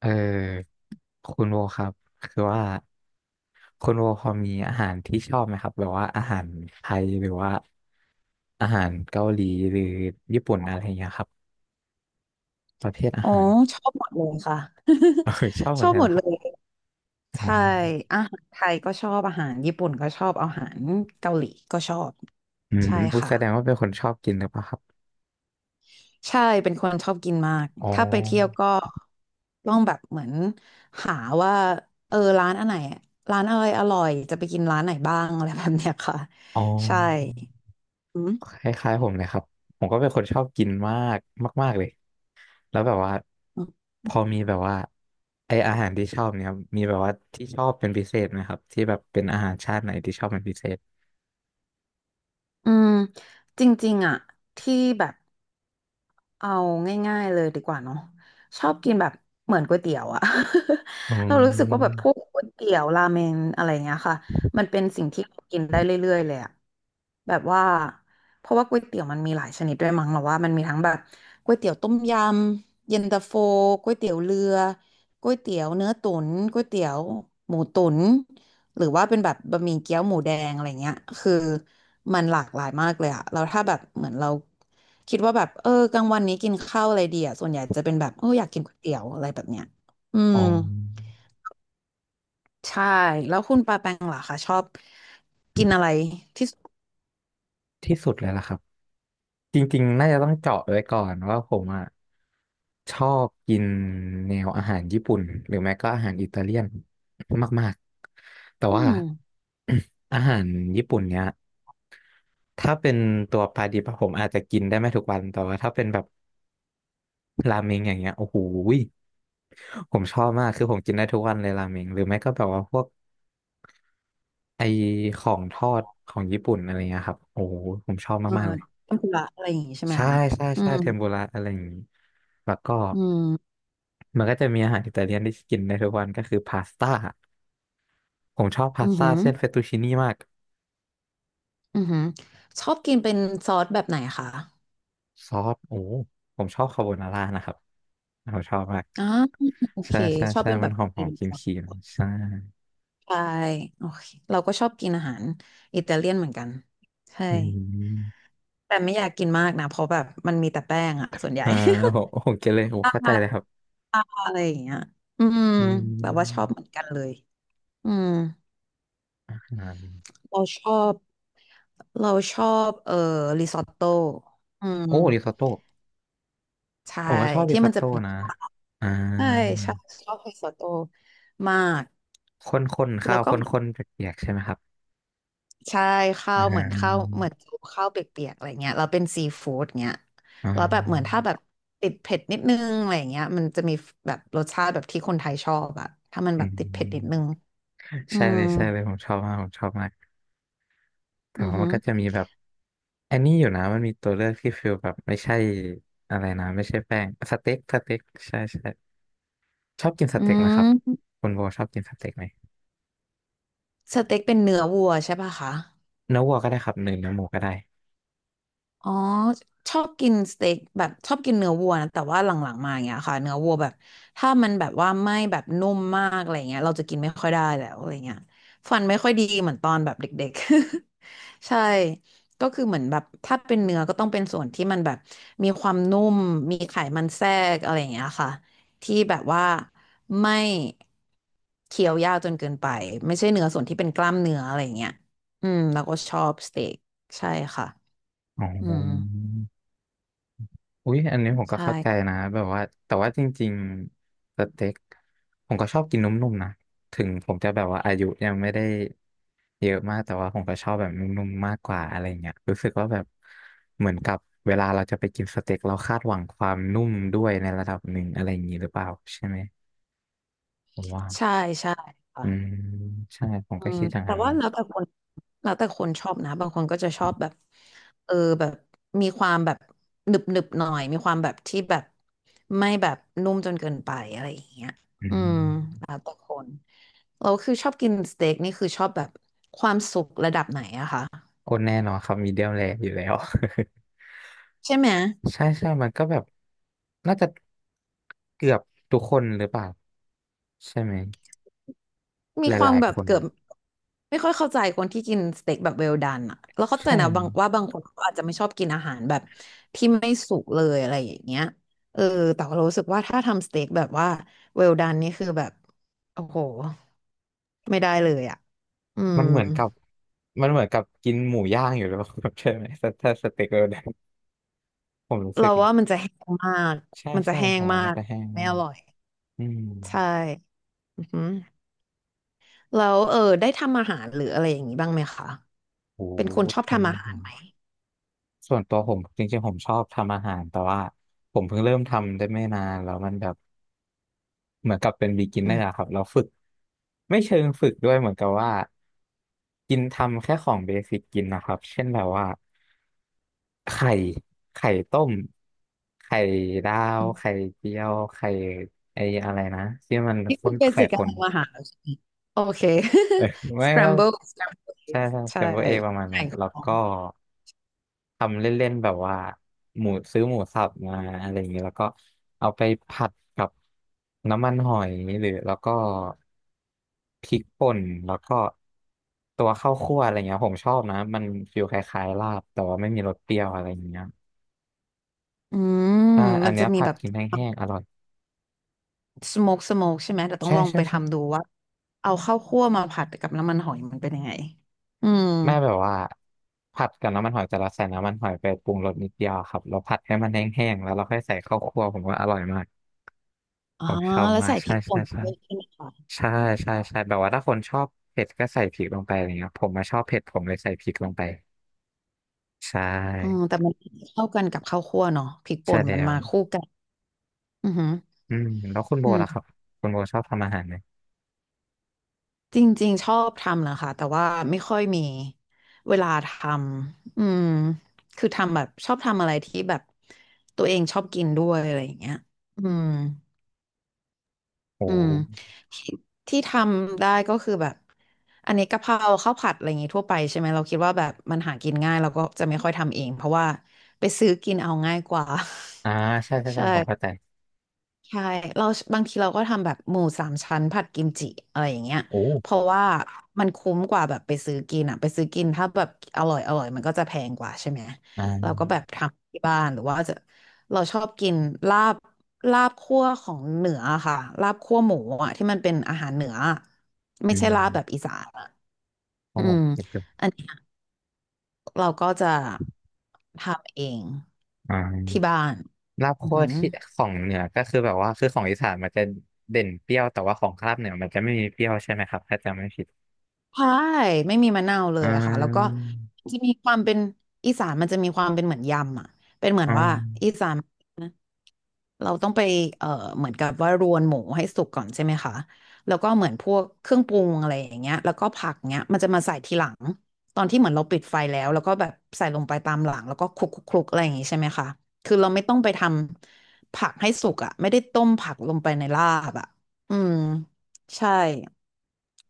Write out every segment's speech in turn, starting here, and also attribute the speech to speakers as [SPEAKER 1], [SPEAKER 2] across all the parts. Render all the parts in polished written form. [SPEAKER 1] เออคุณโวครับคือว่าคุณโวพอมีอาหารที่ชอบไหมครับแบบว่าอาหารไทยหรือว่าอาหารเกาหลีหรือญี่ปุ่นอะไรอย่างเงี้ยครับประเภทอา
[SPEAKER 2] อ๋อ
[SPEAKER 1] หาร
[SPEAKER 2] ชอบหมดเลยค่ะ
[SPEAKER 1] เออชอบ หม
[SPEAKER 2] ช
[SPEAKER 1] ด
[SPEAKER 2] อบ
[SPEAKER 1] เลย
[SPEAKER 2] หม
[SPEAKER 1] นะ
[SPEAKER 2] ด
[SPEAKER 1] ค
[SPEAKER 2] เล
[SPEAKER 1] รับ
[SPEAKER 2] ย
[SPEAKER 1] อ๋
[SPEAKER 2] ใช่
[SPEAKER 1] อ
[SPEAKER 2] อาหารไทยก็ชอบอาหารญี่ปุ่นก็ชอบอาหารเกาหลีก็ชอบ
[SPEAKER 1] อืม
[SPEAKER 2] ใช่
[SPEAKER 1] อุย
[SPEAKER 2] ค่ะ
[SPEAKER 1] แสดงว่าเป็นคนชอบกินหรือเปล่าครับ
[SPEAKER 2] ใช่เป็นคนชอบกินมาก
[SPEAKER 1] อ๋อ
[SPEAKER 2] ถ้าไปเที่ยวก็ต้องแบบเหมือนหาว่าร้านอันไหนร้านอะไรอร่อยจะไปกินร้านไหนบ้างอะไรแบบเนี้ยค่ะ
[SPEAKER 1] อ๋อ
[SPEAKER 2] ใช่อืม
[SPEAKER 1] คล้ายๆผมเลยครับผมก็เป็นคนชอบกินมากมากๆเลย แล้วแบบว่าพอมีแบบว่าอาหารที่ชอบเนี่ยครับมีแบบว่าที่ชอบเป็นพิเศษไหมครับที่แบบเป็นอาหารชาติไหนที่ชอบเป็นพิเศษ
[SPEAKER 2] อืมจริงๆอ่ะที่แบบ เอาง่ายๆเลยดีกว่าเนาะชอบกินแบบเหมือนก๋วยเตี๋ยวอะ
[SPEAKER 1] อื
[SPEAKER 2] เรารู้สึกว่าแบบพ
[SPEAKER 1] ม
[SPEAKER 2] วกก๋วยเตี๋ยวราเมนอะไรเงี้ยค่ะมันเป็นสิ่งที่เรากินได้เรื่อยๆเลยอะแบบว่าเพราะว่าก๋วยเตี๋ยวมันมีหลายชนิดด้วยมั้งเราว่ามันมีทั้งแบบก๋วยเตี๋ยวต้มยำเย็นตาโฟก๋วยเตี๋ยวเรือก๋วยเตี๋ยวเนื้อตุ๋นก๋วยเตี๋ยวหมูตุ๋นหรือว่าเป็นแบบบะหมี่เกี๊ยวหมูแดงอะไรเงี้ยคือมันหลากหลายมากเลยอะเราถ้าแบบเหมือนเรา คิดว่าแบบกลางวันนี้กินข้าวอะไรดีอ่ะส่วนใหญ่จะเป็นแบบโอ้อยากกินก๋วยเตี๋ยวอะไรแบบเนี้ยอื
[SPEAKER 1] อ๋อ
[SPEAKER 2] มใช่แล้วคุณปาแปงล่ะคะชอบกินอะไรที่สุด
[SPEAKER 1] ที่สุดเลยล่ะครับจริงๆน่าจะต้องเจาะไว้ก่อนว่าผมอ่ะชอบกินแนวอาหารญี่ปุ่นหรือไม่ก็อาหารอิตาเลียนมากๆแต่
[SPEAKER 2] อื
[SPEAKER 1] ว่า
[SPEAKER 2] ม
[SPEAKER 1] อาหารญี่ปุ่นเนี้ยถ้าเป็นตัวปลาดิบอะผมอาจจะกินได้ไม่ทุกวันแต่ว่าถ้าเป็นแบบราเมงอย่างเงี้ยโอ้โห ผมชอบมากคือผมกินได้ทุกวันเลยราเมงหรือไม่ก็แบบว่าพวกไอของทอดของญี่ปุ่นอะไรเงี้ยครับโอ้โหผมชอบ
[SPEAKER 2] เออ
[SPEAKER 1] มากๆเลย
[SPEAKER 2] ทำลุระอะไรอย่างงี้ใช่ไหม
[SPEAKER 1] ใช่
[SPEAKER 2] คะ
[SPEAKER 1] ใช่
[SPEAKER 2] อื
[SPEAKER 1] ใช่
[SPEAKER 2] ม
[SPEAKER 1] เทมปุระอะไรอย่างนี้แล้วก็
[SPEAKER 2] อืม
[SPEAKER 1] มันก็จะมีอาหารอิตาเลียนที่กินได้ทุกวันก็คือพาสต้าผมชอบพาส
[SPEAKER 2] อือ
[SPEAKER 1] ต้า
[SPEAKER 2] หือ
[SPEAKER 1] เส้นเฟตตูชินี่มาก
[SPEAKER 2] อือหือชอบกินเป็นซอสแบบไหนคะ
[SPEAKER 1] ซอสโอ้ผมชอบคาโบนาร่านะครับผมชอบมาก
[SPEAKER 2] อ๋อโอเค
[SPEAKER 1] ใช่ใช่
[SPEAKER 2] ชอบ
[SPEAKER 1] ใช่
[SPEAKER 2] เป็น
[SPEAKER 1] มั
[SPEAKER 2] แบ
[SPEAKER 1] น
[SPEAKER 2] บ
[SPEAKER 1] ห
[SPEAKER 2] อิ
[SPEAKER 1] อม
[SPEAKER 2] ตา
[SPEAKER 1] ห
[SPEAKER 2] เลี
[SPEAKER 1] อม
[SPEAKER 2] ยน
[SPEAKER 1] ครี
[SPEAKER 2] ซ
[SPEAKER 1] ม
[SPEAKER 2] อ
[SPEAKER 1] ค
[SPEAKER 2] ส
[SPEAKER 1] รีมใช่
[SPEAKER 2] ใช่โอเคเราก็ชอบกินอาหารอิตาเลียนเหมือนกันใช่
[SPEAKER 1] อืม
[SPEAKER 2] แต่ไม่อยากกินมากนะเพราะแบบมันมีแต่แป้งอะส่วนใหญ่
[SPEAKER 1] อ่าผมกินเลยผม
[SPEAKER 2] ตา
[SPEAKER 1] เข้าใจเลยครับ
[SPEAKER 2] ตาอะไรอย่างเงี้ยอืม
[SPEAKER 1] อื
[SPEAKER 2] แบบว่าชอบ
[SPEAKER 1] ม
[SPEAKER 2] เหมือนกันเลยอืม
[SPEAKER 1] อ่า
[SPEAKER 2] เราชอบเราชอบริซอตโต้อืม
[SPEAKER 1] โอ้ริซอตโต้
[SPEAKER 2] ใช่
[SPEAKER 1] ผมก็ชอบริ
[SPEAKER 2] ที่
[SPEAKER 1] ซอ
[SPEAKER 2] มั
[SPEAKER 1] ต
[SPEAKER 2] นจะ
[SPEAKER 1] โต้
[SPEAKER 2] เป็น
[SPEAKER 1] นะอ่า
[SPEAKER 2] ใช่ ชอบริซอตโต้มาก
[SPEAKER 1] ข้นๆข้า
[SPEAKER 2] แล้ว
[SPEAKER 1] ว
[SPEAKER 2] ก็
[SPEAKER 1] ข
[SPEAKER 2] เหมือน
[SPEAKER 1] ้นๆเปียกๆใช่ไหมครับ
[SPEAKER 2] ใช่ข้า
[SPEAKER 1] อ่
[SPEAKER 2] วเหมือนข้าว
[SPEAKER 1] า
[SPEAKER 2] เหมือนข้าวเปียกๆอะไรเงี้ยแล้วเป็นซีฟู้ดเงี้ย
[SPEAKER 1] อ่
[SPEAKER 2] แล้วแบบเหมือน
[SPEAKER 1] า
[SPEAKER 2] ถ้าแบบติดเผ็ดนิดนึงอะไรเงี้ยมันจะมีแบบรสชาติแบบที่คนไทยชอบอะถ้ามัน
[SPEAKER 1] อื
[SPEAKER 2] แบบติดเผ็ดนิดนึ
[SPEAKER 1] ม
[SPEAKER 2] งอื
[SPEAKER 1] ใช่
[SPEAKER 2] ม
[SPEAKER 1] เลยใช่เลยผมชอบมากผมชอบมากแต่
[SPEAKER 2] อือ
[SPEAKER 1] ว่ามั
[SPEAKER 2] ฮึ
[SPEAKER 1] นก็จะมีแบบอันนี้อยู่นะมันมีตัวเลือกที่ฟิลแบบไม่ใช่อะไรนะไม่ใช่แป้งสเต็กสเต็กใช่ใช่ชอบกินส
[SPEAKER 2] อื
[SPEAKER 1] เต็กไหมค
[SPEAKER 2] ม
[SPEAKER 1] รับคุณโบชอบกินสเต็กไหม
[SPEAKER 2] สเต็กเป็นเนื้อวัวใช่ป่ะคะ
[SPEAKER 1] เนื้อวัวก็ได้ครับหรือเนื้อหมูก็ได้
[SPEAKER 2] อ๋อชอบกินสเต็กแบบชอบกินเนื้อวัวนะแต่ว่าหลังๆมาอย่างเงี้ยค่ะเนื้อวัวแบบถ้ามันแบบว่าไม่แบบนุ่มมากอะไรเงี้ยเราจะกินไม่ค่อยได้แล้วอะไรเงี้ยฟันไม่ค่อยดีเหมือนตอนแบบเด็กๆ ใช่ก็คือเหมือนแบบถ้าเป็นเนื้อก็ต้องเป็นส่วนที่มันแบบมีความนุ่มมีไขมันแทรกอะไรอย่างเงี้ยค่ะที่แบบว่าไม่เคี้ยวยากจนเกินไปไม่ใช่เนื้อส่วนที่เป็นกล้ามเนื้ออะไรอย่างเงี้ยอืมแล้วก็ชอบสเต็กใช่ค่ะ
[SPEAKER 1] อ๋
[SPEAKER 2] อืม
[SPEAKER 1] อ อุ๊ยอันนี้ผมก็
[SPEAKER 2] ใช่
[SPEAKER 1] เข้าใจนะแบบว่าแต่ว่าจริงๆสเต็กผมก็ชอบกินนุ่มๆนะถึงผมจะแบบว่าอายุยังไม่ได้เยอะมากแต่ว่าผมก็ชอบแบบนุ่มๆมากกว่าอะไรเงี้ยรู้สึกว่าแบบเหมือนกับเวลาเราจะไปกินสเต็กเราคาดหวังความนุ่มด้วยในระดับหนึ่งอะไรอย่างนี้หรือเปล่าใช่ไหมผมว่า
[SPEAKER 2] ใช่ใช่ค่ะ
[SPEAKER 1] อืมใช่ผม
[SPEAKER 2] อื
[SPEAKER 1] ก็
[SPEAKER 2] ม
[SPEAKER 1] คิดอย่าง
[SPEAKER 2] แต่
[SPEAKER 1] นั้น
[SPEAKER 2] ว่า
[SPEAKER 1] นะ
[SPEAKER 2] แล้วแต่คนแล้วแต่คนชอบนะ บางคนก็จะชอบแบบเออแบบมีความแบบหนึบหนึบหน่อย มีความแบบที่แบบไม่แบบนุ่มจนเกินไปอะไรอย่างเงี้ย
[SPEAKER 1] อื
[SPEAKER 2] อืม
[SPEAKER 1] ม
[SPEAKER 2] แล้วแต่คนเราคือชอบกินสเต็กนี่คือชอบแบบความสุกระดับไหนอะคะ
[SPEAKER 1] โอ้แน่นอนครับมีเดียมแรอยู่แล้ว
[SPEAKER 2] ใช่ไหม
[SPEAKER 1] ใช่ใช่ มันก็แบบน่าจะเกือบทุกคนหรือเปล่าใช่ไหม
[SPEAKER 2] มี
[SPEAKER 1] ห
[SPEAKER 2] ความ
[SPEAKER 1] ลาย
[SPEAKER 2] แบ
[SPEAKER 1] ๆ
[SPEAKER 2] บ
[SPEAKER 1] คน
[SPEAKER 2] เกือบไม่ค่อยเข้าใจคนที่กินสเต็กแบบเวลดันอะแล้วเข้าใจ
[SPEAKER 1] ใช่
[SPEAKER 2] นะบางว่าบางคนเขาอาจจะไม่ชอบกินอาหารแบบที่ไม่สุกเลยอะไรอย่างเงี้ยเออแต่เรารู้สึกว่าถ้าทำสเต็กแบบว่าเวลดันนี่คือแบบโอ้โหไม่ได้เลยอะอืม
[SPEAKER 1] มันเหมือนกับมันเหมือนกับกินหมูย่างอยู่หรือเปล่า ใช่ไหมถ้าสเต็กเราเนี่ยผมรู้สึ
[SPEAKER 2] เรา
[SPEAKER 1] กนะ
[SPEAKER 2] ว่ามันจะแห้งมาก
[SPEAKER 1] ใช่
[SPEAKER 2] มันจะ
[SPEAKER 1] ใช่
[SPEAKER 2] แห้
[SPEAKER 1] ห
[SPEAKER 2] ง
[SPEAKER 1] อม
[SPEAKER 2] มา
[SPEAKER 1] มัน
[SPEAKER 2] ก
[SPEAKER 1] จะแห้ง
[SPEAKER 2] ไม่
[SPEAKER 1] มา
[SPEAKER 2] อ
[SPEAKER 1] ก
[SPEAKER 2] ร่อย
[SPEAKER 1] อืม
[SPEAKER 2] ใช่อือหือแล้วได้ทำอาหารหรืออะไรอย่างนี้บ้างไหมคะ
[SPEAKER 1] โห
[SPEAKER 2] เป็นคนชอบ
[SPEAKER 1] ทำ
[SPEAKER 2] ทำอา
[SPEAKER 1] อา
[SPEAKER 2] หาร
[SPEAKER 1] หาร
[SPEAKER 2] ไหม
[SPEAKER 1] ส่วนตัวผมจริงๆผมชอบทำอาหารแต่ว่าผมเพิ่งเริ่มทำได้ไม่นานแล้วมันแบบ เหมือนกับเป็น
[SPEAKER 2] อื
[SPEAKER 1] beginner อะค
[SPEAKER 2] ม
[SPEAKER 1] รับเราฝึกไม่เชิงฝึกด้วยเหมือนกับว่ากินทำแค่ของเบสิกกินนะครับเช่นแบบว่าไข่ไข่ต้มไข่ดาวไข่เจียวไข่ไอ้อะไรนะที่มัน
[SPEAKER 2] นี่
[SPEAKER 1] ข้
[SPEAKER 2] คือ
[SPEAKER 1] น
[SPEAKER 2] เบ
[SPEAKER 1] ไข่
[SPEAKER 2] สิก
[SPEAKER 1] ค
[SPEAKER 2] การ
[SPEAKER 1] น
[SPEAKER 2] ทำอาหารแล้วใช่ไหมโอเค
[SPEAKER 1] เออ
[SPEAKER 2] ส
[SPEAKER 1] ไม่
[SPEAKER 2] ค
[SPEAKER 1] ค
[SPEAKER 2] รั
[SPEAKER 1] รั
[SPEAKER 2] ม
[SPEAKER 1] บ
[SPEAKER 2] โบิลสครัมเบ
[SPEAKER 1] ใช่ใช่เซ
[SPEAKER 2] ใช่
[SPEAKER 1] มเบอร์เอประมาณนั้
[SPEAKER 2] แข่
[SPEAKER 1] น
[SPEAKER 2] งกับ
[SPEAKER 1] แล้ว
[SPEAKER 2] ของ
[SPEAKER 1] ก็ทำเล่นๆแบบว่าหมูซื้อหมูสับมาอะไรอย่างเงี้ยแล้วก็เอาไปผัดกับน้ำมันหอยหรือแล้วก็พริกป่นแล้วก็ตัวข้าวคั่วอะไรเงี้ยผมชอบนะมันฟีลคล้ายๆลาบแต่ว่าไม่มีรสเปรี้ยวอะไรอย่างเงี้ย
[SPEAKER 2] อื
[SPEAKER 1] ใช่
[SPEAKER 2] ม
[SPEAKER 1] อั
[SPEAKER 2] มั
[SPEAKER 1] น
[SPEAKER 2] น
[SPEAKER 1] เนี้
[SPEAKER 2] จะ
[SPEAKER 1] ย
[SPEAKER 2] มี
[SPEAKER 1] ผัด
[SPEAKER 2] แบบ
[SPEAKER 1] กินแห้งๆอร่อย
[SPEAKER 2] สโมกใช่ไหมแต่ต้อง
[SPEAKER 1] ใช่
[SPEAKER 2] ลอง
[SPEAKER 1] ใช่
[SPEAKER 2] ไป
[SPEAKER 1] ใช่
[SPEAKER 2] ทำดูว่าเอาข้าวคั่วมาผัดกับน้ำมันหอยมันเป็นยังไงอืม
[SPEAKER 1] แม่แบบว่าผัดกับน้ำมันหอยแต่เราใส่น้ำมันหอยไปปรุงรสนิดเดียวครับแล้วผัดให้มันแห้งๆแล้วเราค่อยใส่ข้าวคั่วผมว่าอร่อยมาก
[SPEAKER 2] อ๋อ
[SPEAKER 1] ผมชอบ
[SPEAKER 2] แล้ว
[SPEAKER 1] มาก
[SPEAKER 2] ใส่พ
[SPEAKER 1] ใช่
[SPEAKER 2] ริกป่
[SPEAKER 1] ใช่
[SPEAKER 2] น
[SPEAKER 1] ใช่
[SPEAKER 2] ด้วยใช่ไหมคะ
[SPEAKER 1] ใช่ใช่ใช่แบบว่าถ้าคนชอบเผ็ดก็ใส่พริกลงไปอะไรเงี้ยผมมาชอบเผ็ดผมเลยใส่พริกลงไปใช
[SPEAKER 2] อืม
[SPEAKER 1] ่
[SPEAKER 2] แต่มันเข้ากันกับข้าวคั่วเนาะพริกป่
[SPEAKER 1] ใช่
[SPEAKER 2] น
[SPEAKER 1] แล้
[SPEAKER 2] มัน
[SPEAKER 1] ว
[SPEAKER 2] มาคู่กันอือหือ
[SPEAKER 1] อืมแล้วคุณโบ
[SPEAKER 2] อื
[SPEAKER 1] ล่ะครั
[SPEAKER 2] ม
[SPEAKER 1] บคุณโบชอบทำอาหารไหม
[SPEAKER 2] จริงๆชอบทำนะคะแต่ว่าไม่ค่อยมีเวลาทำอืมคือทำแบบชอบทำอะไรที่แบบตัวเองชอบกินด้วยอะไรอย่างเงี้ยอืม
[SPEAKER 1] โอ
[SPEAKER 2] อืม
[SPEAKER 1] ้
[SPEAKER 2] ที่ทำได้ก็คือแบบอันนี้กะเพราข้าวผัดอะไรอย่างงี้ทั่วไปใช่ไหมเราคิดว่าแบบมันหากินง่ายเราก็จะไม่ค่อยทำเองเพราะว่าไปซื้อกินเอาง่ายกว่า
[SPEAKER 1] อ่าใช่ใช่
[SPEAKER 2] ใช่
[SPEAKER 1] ใช่ผมเข้าใจ
[SPEAKER 2] ใช่เราบางทีเราก็ทำแบบหมูสามชั้นผัดกิมจิอะไรอย่างเงี้ย
[SPEAKER 1] โอ้
[SPEAKER 2] เพราะว่ามันคุ้มกว่าแบบไปซื้อกินอะไปซื้อกินถ้าแบบอร่อยอร่อยมันก็จะแพงกว่าใช่ไหม
[SPEAKER 1] อ่
[SPEAKER 2] เราก็
[SPEAKER 1] า
[SPEAKER 2] แบบทำที่บ้านหรือว่าจะเราชอบกินลาบลาบคั่วของเหนืออะค่ะลาบคั่วหมูอะที่มันเป็นอาหารเหนืออะไม่
[SPEAKER 1] อื
[SPEAKER 2] ใช่ลาบแบบ
[SPEAKER 1] ม
[SPEAKER 2] อีสานอะ
[SPEAKER 1] โอ้
[SPEAKER 2] อืม
[SPEAKER 1] เก็บอยู่
[SPEAKER 2] อันเนี้ยเราก็จะทำเอง
[SPEAKER 1] อ่
[SPEAKER 2] ที่
[SPEAKER 1] า
[SPEAKER 2] บ้าน
[SPEAKER 1] ลาบ
[SPEAKER 2] อือ
[SPEAKER 1] คั่ว
[SPEAKER 2] หือ
[SPEAKER 1] ที่ของเหนือก็คือแบบว่าคือของอีสานมันจะเด่นเปรี้ยวแต่ว่าของลาบเหนือมันจะไม่มีเปรี้ยวใช่ไหมครับถ้าจำไม่ผิด
[SPEAKER 2] ใช่ไม่มีมะนาวเล
[SPEAKER 1] อ่
[SPEAKER 2] ยอะค่ะแล้วก็
[SPEAKER 1] า
[SPEAKER 2] จะมีความเป็นอีสานมันจะมีความเป็นเหมือนยำอ่ะเป็นเหมือ
[SPEAKER 1] อ่
[SPEAKER 2] นว่าอี
[SPEAKER 1] า
[SPEAKER 2] สานเราต้องไปเอ่อเหมือนกับว่ารวนหมูให้สุกก่อนใช่ไหมคะแล้วก็เหมือนพวกเครื่องปรุงอะไรอย่างเงี้ยแล้วก็ผักเงี้ยมันจะมาใส่ทีหลังตอนที่เหมือนเราปิดไฟแล้วแล้วก็แบบใส่ลงไปตามหลังแล้วก็คลุกคลุกคลุกอะไรอย่างงี้ใช่ไหมคะคือเราไม่ต้องไปทำผักให้สุกอ่ะไม่ได้ต้มผักลงไปในลาบอ่ะอืมใช่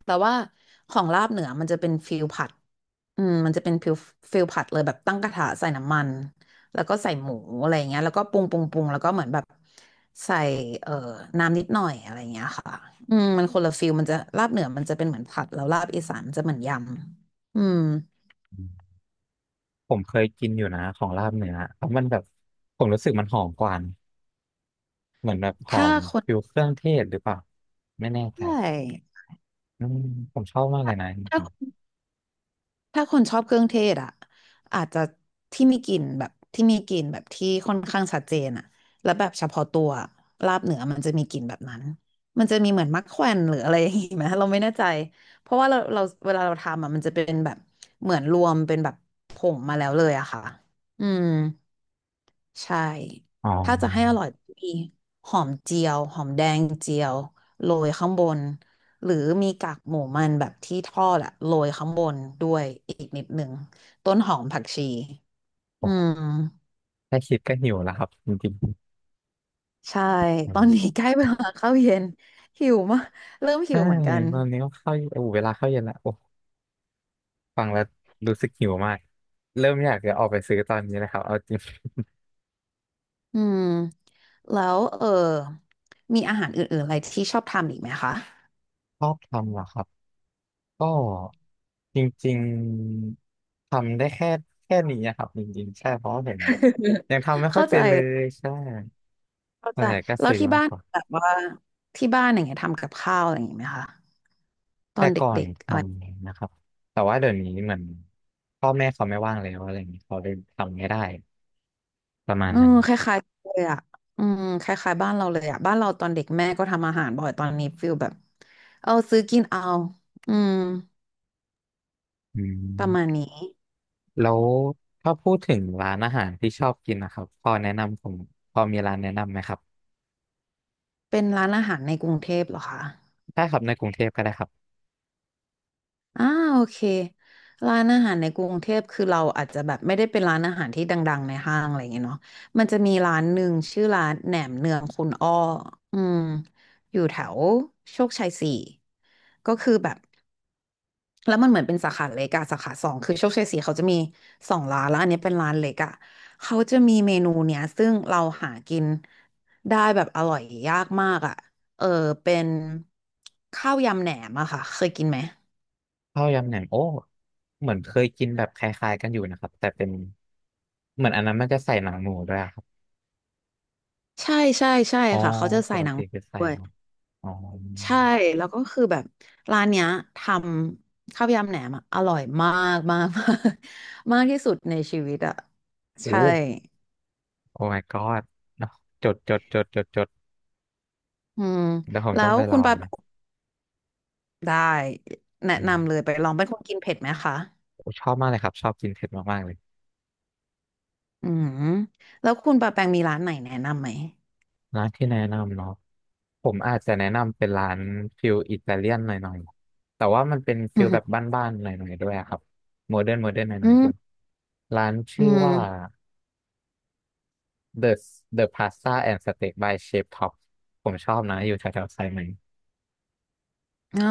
[SPEAKER 2] แต่ว่าของลาบเหนือมันจะเป็นฟิลผัดอืมมันจะเป็นฟิลผัดเลยแบบตั้งกระทะใส่น้ำมันแล้วก็ใส่หมูอะไรอย่างเงี้ยแล้วก็ปรุงปรุงปรุงแล้วก็เหมือนแบบใส่เอ่อน้ำนิดหน่อยอะไรอย่างเงี้ยค่ะอืมมันคนละฟิลมันจะลาบเหนือมันจะเป็นเหมือนผัดแล้วลาบอีสานมันจะเหมือนยำอืม
[SPEAKER 1] ผมเคยกินอยู่นะของลาบเนื้อเพราะมันแบบผมรู้สึกมันหอมกว่าเหมือนแบบหอ
[SPEAKER 2] ถ้า
[SPEAKER 1] ม
[SPEAKER 2] คน
[SPEAKER 1] ฟิวเครื่องเทศหรือเปล่าไม่แน่
[SPEAKER 2] ใช
[SPEAKER 1] ใจ
[SPEAKER 2] ่
[SPEAKER 1] อืมผมชอบมากเล
[SPEAKER 2] ถ้า
[SPEAKER 1] ยนะ
[SPEAKER 2] ถ้า ถ้าคนชอบเครื่องเทศอ่ะอาจจะที่มีกลิ่นแบบที่มีกลิ่นแบบที่ค่อนข้างชัดเจนอ่ะแล้วแบบเฉพาะตัวลาบเหนือมันจะมีกลิ่นแบบนั้นมันจะมีเหมือนมักแควนหรืออะไรอย่างงี้ไหม เราไม่แน่ใจเพราะว่าเราเวลาเราทำอ่ะมันจะเป็นแบบเหมือนรวมเป็นแบบผงมาแล้วเลยอะค่ะอืม ใช่
[SPEAKER 1] อ๋อ
[SPEAKER 2] ถ้าจะให้อร่อยมีหอมเจียวหอมแดงเจียวโรยข้างบนหรือมีกากหมูมันแบบที่ทอดอะโรยข้างบนด้วยอีกนิดหนึ่งต้นหอมผักชีอืม
[SPEAKER 1] โอ้แค่คิดก็หิวแล้วครับจริง
[SPEAKER 2] ใช่
[SPEAKER 1] ๆอื
[SPEAKER 2] ตอ
[SPEAKER 1] ม
[SPEAKER 2] นนี้ใกล้เวลาเข้าเย็นหิวมากเริ่มหิ
[SPEAKER 1] ใช่
[SPEAKER 2] วเหมือนกัน
[SPEAKER 1] ตอนนี้ก็เข้าโอ้เวลาเข้าเย็นละโอ้ฟังแล้วรู้สึกหิวมากเริ่มอยากจะออกไปซื้อตอนนี้นะครับเอาจริง
[SPEAKER 2] อืมแล้วเออมีอาหารอื่นๆอะไรที่ชอบทำอีกไหมคะ
[SPEAKER 1] ชอบทำเหรอครับ ก็จริงๆทำได้แค่นี้อะครับจริงๆใช่เพราะว่าผม ยังทำไม่ค่อย
[SPEAKER 2] เข้าใจ
[SPEAKER 1] เป็นเลย ใช่
[SPEAKER 2] เข้า
[SPEAKER 1] ส่ว
[SPEAKER 2] ใจ
[SPEAKER 1] นใหญ่ก็
[SPEAKER 2] แล้ว
[SPEAKER 1] ซื้อ
[SPEAKER 2] ที่
[SPEAKER 1] มาก
[SPEAKER 2] บ้าน
[SPEAKER 1] กว่า
[SPEAKER 2] แบบว่าที่บ้านอย่างเงี้ยทำกับข้าวอะไรอย่างเงี้ยไหมคะต
[SPEAKER 1] แต่
[SPEAKER 2] อนเ
[SPEAKER 1] ก่อน
[SPEAKER 2] ด็ก
[SPEAKER 1] ท
[SPEAKER 2] ๆอะไร
[SPEAKER 1] ำนะครับแต่ว่าเดี๋ยวนี้เหมือนพ่อแม่เขาไม่ว่างแล้วอะไรอย่างนี้เขาเลยทำไม่ได้ประมาณ
[SPEAKER 2] เออ
[SPEAKER 1] นั้น
[SPEAKER 2] คล้ายๆเลยอ่ะอืมคล้ายๆบ้านเราเลยอ่ะบ้านเราตอนเด็กแม่ก็ทำอาหารบ่อยตอนนี้ฟิลแบบเอาซื้อกินเอาอืม
[SPEAKER 1] อื
[SPEAKER 2] ประมาณ
[SPEAKER 1] ม
[SPEAKER 2] นี้
[SPEAKER 1] แล้วถ้าพูดถึงร้านอาหารที่ชอบกินนะครับพอแนะนำผมพอมีร้านแนะนำไหมครับ
[SPEAKER 2] เป็นร้านอาหารในกรุงเทพเหรอคะ
[SPEAKER 1] ได้ครับในกรุงเทพก็ได้ครับ
[SPEAKER 2] อ่าโอเคร้านอาหารในกรุงเทพคือเราอาจจะแบบไม่ได้เป็นร้านอาหารที่ดังๆในห้างอะไรอย่างเงี้ยเนาะมันจะมีร้านหนึ่งชื่อร้านแหนมเนืองคุณอ้ออืมอยู่แถวโชคชัยสี่ก็คือแบบแล้วมันเหมือนเป็นสาขาเล็กอะสาขาสองคือโชคชัยสี่เขาจะมีสองร้านแล้วอันนี้เป็นร้านเล็กอะเขาจะมีเมนูเนี้ยซึ่งเราหากินได้แบบอร่อยยากมากอะเออเป็นข้าวยำแหนมอะค่ะเคยกินไหม
[SPEAKER 1] ข้าวยำแหนมโอ้เหมือนเคยกินแบบคล้ายๆกันอยู่นะครับแต่เป็นเหมือนอันนั้นมันจะใส่หนังหมูด้วยอะครับ
[SPEAKER 2] ใช่ใช่ใช่
[SPEAKER 1] อ๋อ
[SPEAKER 2] ค่ะเขาจะ
[SPEAKER 1] ป
[SPEAKER 2] ใส่
[SPEAKER 1] ก
[SPEAKER 2] หนัง
[SPEAKER 1] ติคือใส่
[SPEAKER 2] ด้วย
[SPEAKER 1] เนอะอ๋อ
[SPEAKER 2] ใช่แล้วก็คือแบบร้านเนี้ยทำข้าวยำแหนมอะอร่อยมากมากมากมากที่สุดในชีวิตอ่ะ
[SPEAKER 1] โอ้
[SPEAKER 2] ใช่
[SPEAKER 1] โอ้ my god เนอะจดจดจดจดจด
[SPEAKER 2] อืม
[SPEAKER 1] เดี๋ยวผม
[SPEAKER 2] แล้
[SPEAKER 1] ต้อง
[SPEAKER 2] ว
[SPEAKER 1] ไปล
[SPEAKER 2] คุ
[SPEAKER 1] อ
[SPEAKER 2] ณ
[SPEAKER 1] ง
[SPEAKER 2] ปา
[SPEAKER 1] นะ
[SPEAKER 2] ได้แนะ
[SPEAKER 1] อืม
[SPEAKER 2] นำเลยไปลองเป็นคนกินเผ็ดไหมคะ
[SPEAKER 1] โอ้ชอบมากเลยครับชอบกินเผ็ดมากๆเลย
[SPEAKER 2] อืมแล้วคุณปาแปงมีร้านไหนแนะนำไหม
[SPEAKER 1] ร้านที่แนะนำเนาะผมอาจจะแนะนำเป็นร้านฟิลอิตาเลียนหน่อยๆแต่ว่ามันเป็นฟิ
[SPEAKER 2] อื
[SPEAKER 1] ลแบบ
[SPEAKER 2] ม
[SPEAKER 1] บ้านๆหน่อยๆด้วยอะครับโมเดิร์นโมเดิร์นหน่
[SPEAKER 2] อื
[SPEAKER 1] อยๆด้วย
[SPEAKER 2] ม
[SPEAKER 1] ร้าน
[SPEAKER 2] อื
[SPEAKER 1] ชื่อว่า
[SPEAKER 2] ม
[SPEAKER 1] The The Pasta and Steak by Chef Top ผมชอบนะอยู่แถวๆสายไหม
[SPEAKER 2] อ่า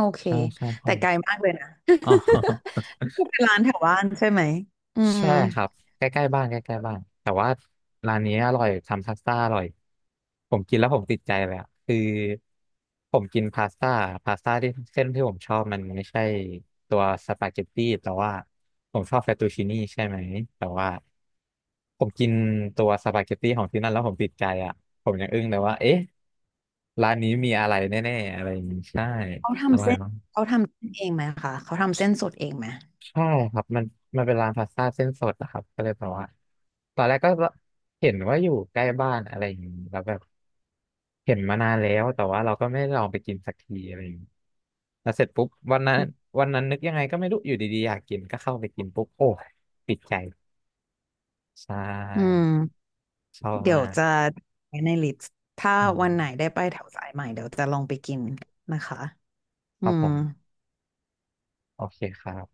[SPEAKER 2] โอเค
[SPEAKER 1] ใช่ใช่ใช่
[SPEAKER 2] แต่ไกลมากเลยนะ
[SPEAKER 1] อ๋อ
[SPEAKER 2] เป็นร้านแถวบ้านใช่ไหมอืม
[SPEAKER 1] ใช่ครับใกล้ๆบ้านใกล้ๆบ้านแต่ว่าร้านนี้อร่อยทำพาสต้าอร่อยผมกินแล้วผมติดใจเลยอะคือผมกินพาสต้าที่เส้นที่ผมชอบมันไม่ใช่ตัวสปาเกตตี้แต่ว่าผมชอบเฟตตูชินี่ใช่ไหมแต่ว่าผมกินตัวสปาเกตตี้ของที่นั่นแล้วผมติดใจอ่ะผมยังอึ้งเลยว่าเอ๊ะร้านนี้มีอะไรแน่ๆอะไรอย่างนี้ใช่
[SPEAKER 2] เขา
[SPEAKER 1] อ
[SPEAKER 2] ทำ
[SPEAKER 1] ร่อย
[SPEAKER 2] เส้นเขาทำเส้นเองไหมคะเขาทำเส้นสดเองไหม
[SPEAKER 1] ใช่ครับมันเป็นร้านพาสต้าเส้นสดนะครับก็เลยแบบว่าตอนแรกก็เห็นว่าอยู่ใกล้บ้านอะไรอย่างนี้แล้วแบบเห็นมานานแล้วแต่ว่าเราก็ไม่ได้ลองไปกินสักทีอะไรอย่างนี้แล้วเสร็จปุ๊บวันนั้น
[SPEAKER 2] อืม
[SPEAKER 1] วันนั้นนึกยังไงก็ไม่รู้อยู่ดีๆอยากกินก็เข้าไปกินปุ๊บโอ้ยติดใจใช
[SPEAKER 2] อื
[SPEAKER 1] ่
[SPEAKER 2] ม
[SPEAKER 1] ชอบ
[SPEAKER 2] เดี๋ย
[SPEAKER 1] มา
[SPEAKER 2] ว
[SPEAKER 1] ก
[SPEAKER 2] จะไว้ในลิสต์ถ้า
[SPEAKER 1] อื
[SPEAKER 2] วั
[SPEAKER 1] ม
[SPEAKER 2] นไหนได้ไปแถวสายใหม่เดี๋ยวจะลองไปกินนะคะ
[SPEAKER 1] ค
[SPEAKER 2] อื
[SPEAKER 1] รับผ
[SPEAKER 2] ม
[SPEAKER 1] มโอเคครับ